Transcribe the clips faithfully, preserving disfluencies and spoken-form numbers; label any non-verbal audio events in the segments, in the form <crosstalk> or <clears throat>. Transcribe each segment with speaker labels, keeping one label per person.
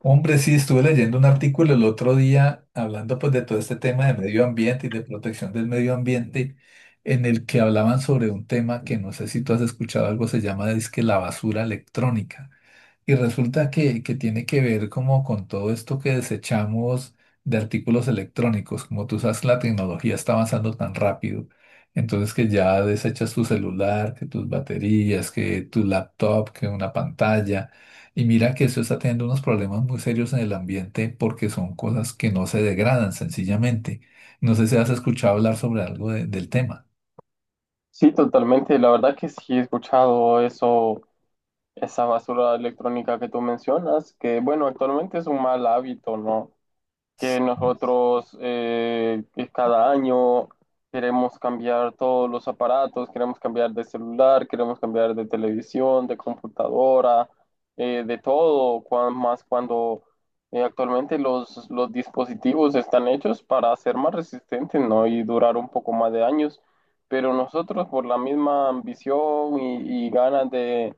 Speaker 1: Hombre, sí, estuve leyendo un artículo el otro día hablando pues de todo este tema de medio ambiente y de protección del medio ambiente, en el que hablaban sobre un tema que no sé si tú has escuchado algo, se llama que la basura electrónica. Y resulta que, que tiene que ver como con todo esto que desechamos de artículos electrónicos. Como tú sabes, la tecnología está avanzando tan rápido. Entonces que ya desechas tu celular, que tus baterías, que tu laptop, que una pantalla. Y mira que eso está teniendo unos problemas muy serios en el ambiente porque son cosas que no se degradan sencillamente. No sé si has escuchado hablar sobre algo de- del tema.
Speaker 2: Sí, totalmente. La verdad que sí he escuchado eso, esa basura electrónica que tú mencionas, que bueno, actualmente es un mal hábito, ¿no? Que nosotros eh, que cada año queremos cambiar todos los aparatos, queremos cambiar de celular, queremos cambiar de televisión, de computadora, eh, de todo, cuan- más cuando eh, actualmente los, los dispositivos están hechos para ser más resistentes, ¿no? Y durar un poco más de años, pero nosotros por la misma ambición y, y ganas de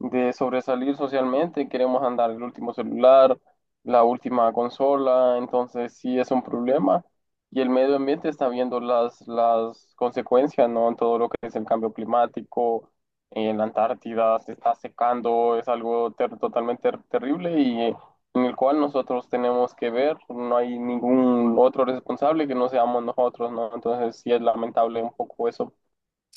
Speaker 2: de sobresalir socialmente, queremos andar el último celular, la última consola, entonces sí es un problema. Y el medio ambiente está viendo las, las consecuencias, ¿no? En todo lo que es el cambio climático, en la Antártida se está secando, es algo ter- totalmente ter- terrible y, eh, en el cual nosotros tenemos que ver, no hay ningún otro responsable que no seamos nosotros, ¿no? Entonces sí es lamentable un poco eso.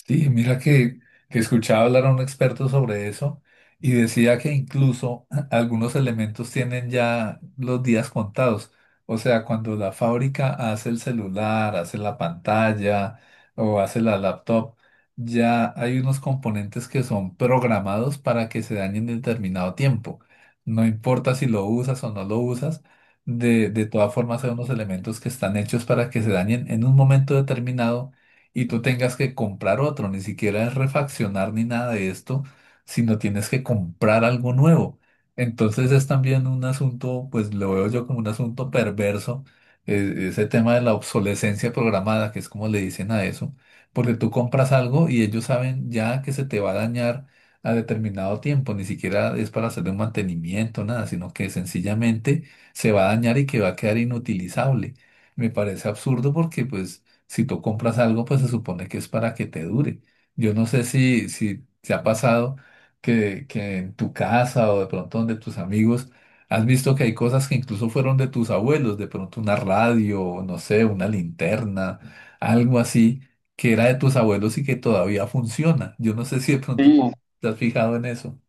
Speaker 1: Sí, mira que, que escuchaba hablar a un experto sobre eso y decía que incluso <clears throat> algunos elementos tienen ya los días contados. O sea, cuando la fábrica hace el celular, hace la pantalla o hace la laptop, ya hay unos componentes que son programados para que se dañen en determinado tiempo. No importa si lo usas o no lo usas, de, de todas formas hay unos elementos que están hechos para que se dañen en un momento determinado y tú tengas que comprar otro, ni siquiera es refaccionar ni nada de esto, sino tienes que comprar algo nuevo. Entonces es también un asunto, pues lo veo yo como un asunto perverso, e- ese tema de la obsolescencia programada, que es como le dicen a eso, porque tú compras algo y ellos saben ya que se te va a dañar a determinado tiempo, ni siquiera es para hacerle un mantenimiento, nada, sino que sencillamente se va a dañar y que va a quedar inutilizable. Me parece absurdo porque pues si tú compras algo, pues se supone que es para que te dure. Yo no sé si, si te ha pasado que, que en tu casa o de pronto donde tus amigos has visto que hay cosas que incluso fueron de tus abuelos, de pronto una radio, no sé, una linterna, algo así que era de tus abuelos y que todavía funciona. Yo no sé si de pronto
Speaker 2: Sí,
Speaker 1: te has fijado en eso.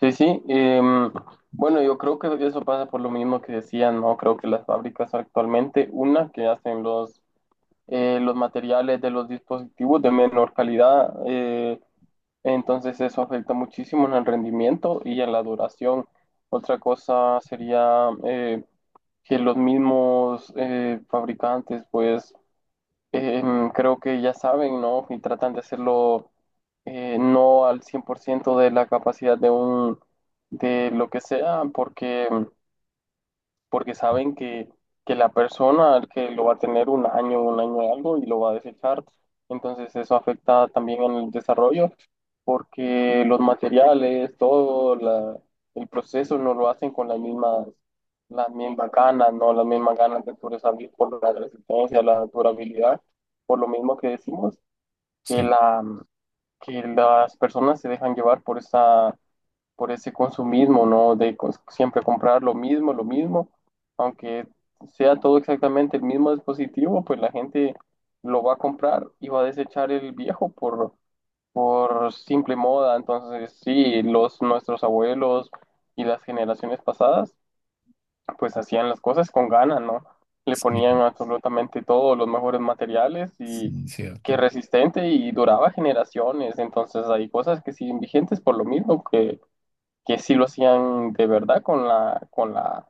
Speaker 2: sí, sí. em, bueno, yo creo que eso pasa por lo mismo que decían, ¿no? Creo que las fábricas actualmente, una que hacen los, eh, los materiales de los dispositivos de menor calidad, eh, entonces eso afecta muchísimo en el rendimiento y en la duración. Otra cosa sería eh, que los mismos eh, fabricantes, pues, em, creo que ya saben, ¿no? Y tratan de hacerlo eh, no al cien por ciento de la capacidad de un, de lo que sea, porque em, porque saben que, que la persona que lo va a tener un año, un año y algo y lo va a desechar. Entonces eso afecta también en el desarrollo porque los materiales, todo la- el proceso no lo hacen con las mismas, las mismas ganas, no las mismas ganas de sobresalir por la resistencia, la durabilidad, por lo mismo que decimos, que,
Speaker 1: Sí.
Speaker 2: la, que las personas se dejan llevar por esa por ese consumismo, ¿no? De cons- siempre comprar lo mismo, lo mismo, aunque sea todo exactamente el mismo dispositivo, pues la gente lo va a comprar y va a desechar el viejo por, por simple moda. Entonces, sí, los, nuestros abuelos y las generaciones pasadas, pues hacían las cosas con ganas, ¿no? Le ponían
Speaker 1: Sí,
Speaker 2: absolutamente todos los mejores materiales y
Speaker 1: sí,
Speaker 2: que
Speaker 1: cierto.
Speaker 2: resistente y duraba generaciones. Entonces, hay cosas que siguen vigentes por lo mismo que que sí lo hacían de verdad con la, con la,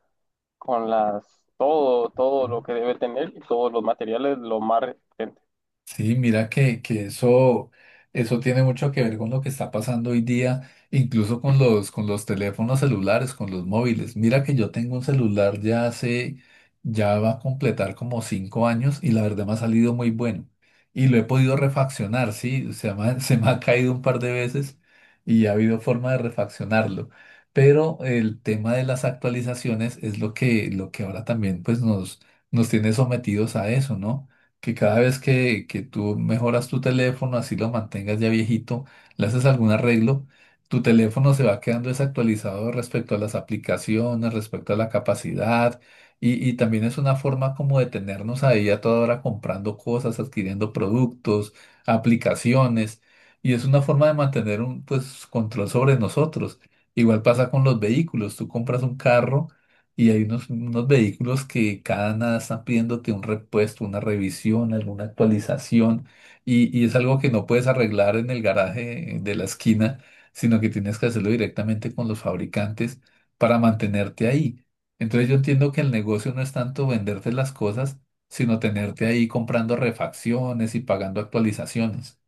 Speaker 2: con las, todo, todo lo que debe tener y todos los materiales lo más resistente.
Speaker 1: Sí, mira que, que eso, eso tiene mucho que ver con lo que está pasando hoy día, incluso con los, con los teléfonos celulares, con los móviles. Mira que yo tengo un celular ya hace, ya va a completar como cinco años y la verdad me ha salido muy bueno. Y lo he podido refaccionar, sí, se me ha, <laughs> se me ha caído un par de veces y ha habido forma de refaccionarlo. Pero el tema de las actualizaciones es lo que, lo que ahora también pues nos, nos tiene sometidos a eso, ¿no? Que cada vez que, que tú mejoras tu teléfono, así lo mantengas ya viejito, le haces algún arreglo, tu teléfono se va quedando desactualizado respecto a las aplicaciones, respecto a la capacidad, y, y también es una forma como de tenernos ahí a toda hora comprando cosas, adquiriendo productos, aplicaciones, y es una forma de mantener un pues, control sobre nosotros. Igual pasa con los vehículos, tú compras un carro. Y hay unos, unos vehículos que cada nada están pidiéndote un repuesto, una revisión, alguna actualización. Y, y es algo que no puedes arreglar en el garaje de la esquina, sino que tienes que hacerlo directamente con los fabricantes para mantenerte ahí. Entonces yo entiendo que el negocio no es tanto venderte las cosas, sino tenerte ahí comprando refacciones y pagando actualizaciones.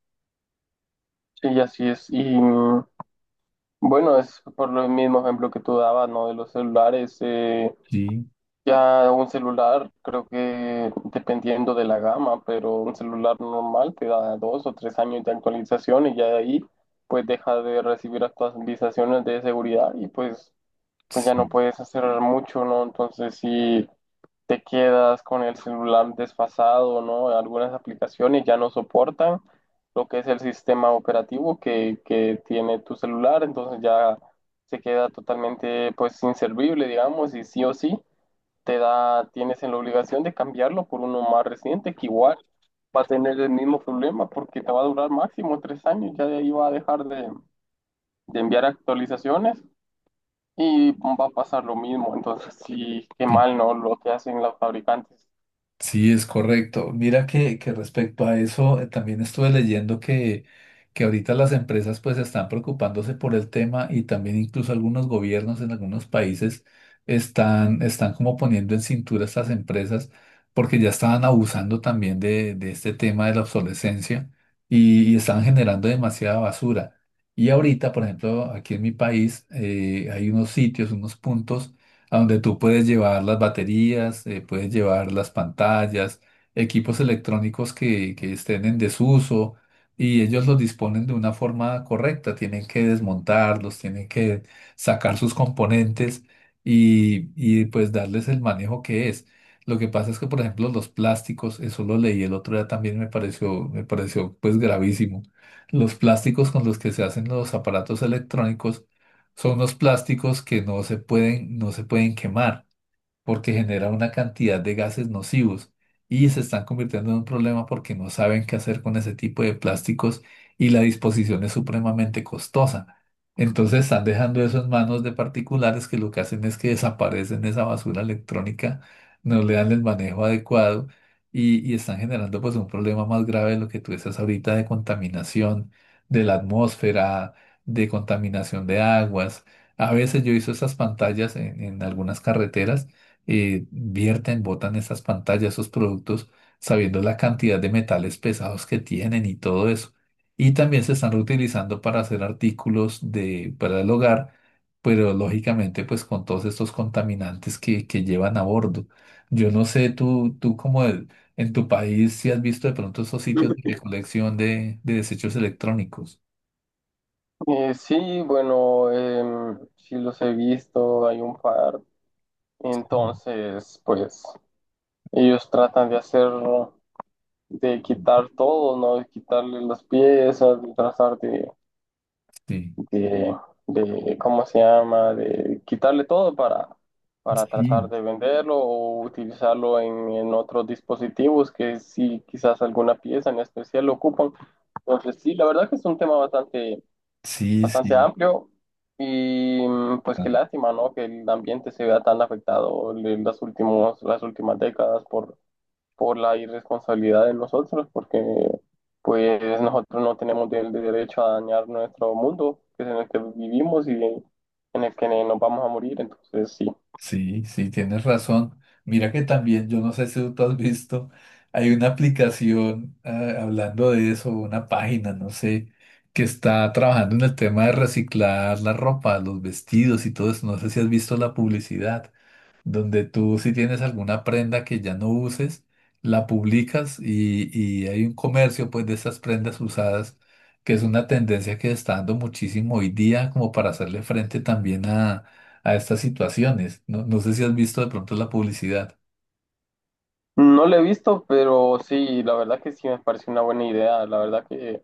Speaker 2: Y así es. Y, mm, bueno, es por lo mismo ejemplo que tú dabas, ¿no? De los celulares. Eh,
Speaker 1: Sí.
Speaker 2: ya un celular, creo que dependiendo de la gama, pero un celular normal te da dos o tres años de actualización y ya de ahí pues deja de recibir actualizaciones de seguridad y pues, pues ya no puedes hacer mucho, ¿no? Entonces sí. Te quedas con el celular desfasado, ¿no? Algunas aplicaciones ya no soportan lo que es el sistema operativo que, que tiene tu celular, entonces ya se queda totalmente pues inservible, digamos, y sí o sí te da, tienes la obligación de cambiarlo por uno más reciente que igual va a tener el mismo problema porque te va a durar máximo tres años, ya de ahí va a dejar de, de enviar actualizaciones y va a pasar lo mismo. Entonces, sí, qué
Speaker 1: Sí.
Speaker 2: mal, ¿no? Lo que hacen los fabricantes.
Speaker 1: Sí, es correcto. Mira que, que respecto a eso, eh, también estuve leyendo que, que ahorita las empresas pues están preocupándose por el tema y también incluso algunos gobiernos en algunos países están, están como poniendo en cintura a estas empresas porque ya estaban abusando también de, de este tema de la obsolescencia y, y estaban generando demasiada basura. Y ahorita, por ejemplo, aquí en mi país eh, hay unos sitios, unos puntos a donde tú puedes llevar las baterías, eh, puedes llevar las pantallas, equipos electrónicos que, que estén en desuso y ellos los disponen de una forma correcta. Tienen que desmontarlos, tienen que sacar sus componentes y, y pues darles el manejo que es. Lo que pasa es que, por ejemplo, los plásticos, eso lo leí el otro día también me pareció, me pareció pues gravísimo. Los plásticos con los que se hacen los aparatos electrónicos son unos plásticos que no se pueden, no se pueden quemar porque genera una cantidad de gases nocivos y se están convirtiendo en un problema porque no saben qué hacer con ese tipo de plásticos y la disposición es supremamente costosa. Entonces están dejando eso en manos de particulares que lo que hacen es que desaparecen esa basura electrónica, no le dan el manejo adecuado y, y están generando pues un problema más grave de lo que tú estás ahorita de contaminación de la atmósfera, de contaminación de aguas. A veces yo hizo estas pantallas en en algunas carreteras eh, vierten, botan esas pantallas, esos productos, sabiendo la cantidad de metales pesados que tienen y todo eso. Y también se están reutilizando para hacer artículos de, para el hogar, pero lógicamente pues con todos estos contaminantes que, que llevan a bordo. Yo no sé, tú, tú como el- en tu país, si has visto de pronto esos sitios de recolección de, de desechos electrónicos.
Speaker 2: Eh, sí, bueno, em, sí los he visto, hay un par.
Speaker 1: Mm.
Speaker 2: Entonces, pues ellos tratan de hacer, de quitar todo, ¿no? De quitarle las piezas, de tratar de,
Speaker 1: Sí,
Speaker 2: de, de, ¿cómo se llama? De quitarle todo para, para tratar
Speaker 1: sí,
Speaker 2: de venderlo o utilizarlo en, en otros dispositivos que sí, quizás alguna pieza en especial lo ocupan. Entonces, sí, la verdad que es un tema bastante
Speaker 1: sí,
Speaker 2: bastante amplio y, mm, pues qué
Speaker 1: sí.
Speaker 2: lástima, ¿no? Que el ambiente se vea tan afectado en las últimos, las últimas décadas por, por la irresponsabilidad de nosotros, porque pues nosotros no tenemos el derecho a dañar nuestro mundo, que es en el que vivimos y en el que nos vamos a morir, entonces sí.
Speaker 1: Sí, sí, tienes razón. Mira que también, yo no sé si tú has visto, hay una aplicación, ah, hablando de eso, una página, no sé, que está trabajando en el tema de reciclar la ropa, los vestidos y todo eso. No sé si has visto la publicidad donde tú si tienes alguna prenda que ya no uses, la publicas y, y hay un comercio pues de esas prendas usadas, que es una tendencia que está dando muchísimo hoy día como para hacerle frente también a, a estas situaciones. No, no sé si has visto de pronto la publicidad.
Speaker 2: No lo he visto, pero sí, la verdad que sí me parece una buena idea. La verdad que,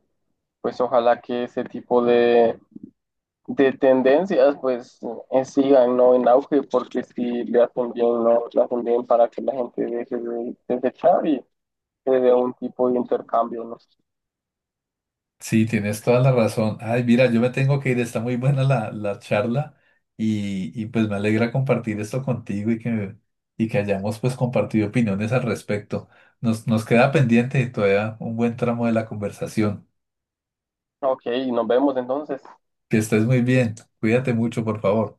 Speaker 2: pues ojalá que ese tipo de, de tendencias, pues eh, sigan, ¿no? En auge, porque si le hacen bien, ¿no? Le hacen bien para que la gente deje de desechar y se dé un tipo de intercambio, ¿no?
Speaker 1: Sí, tienes toda la razón. Ay, mira, yo me tengo que ir, está muy buena la, la charla y, y pues me alegra compartir esto contigo y que, y que hayamos pues compartido opiniones al respecto. Nos, nos queda pendiente todavía un buen tramo de la conversación.
Speaker 2: Ok, nos vemos entonces.
Speaker 1: Que estés muy bien. Cuídate mucho, por favor.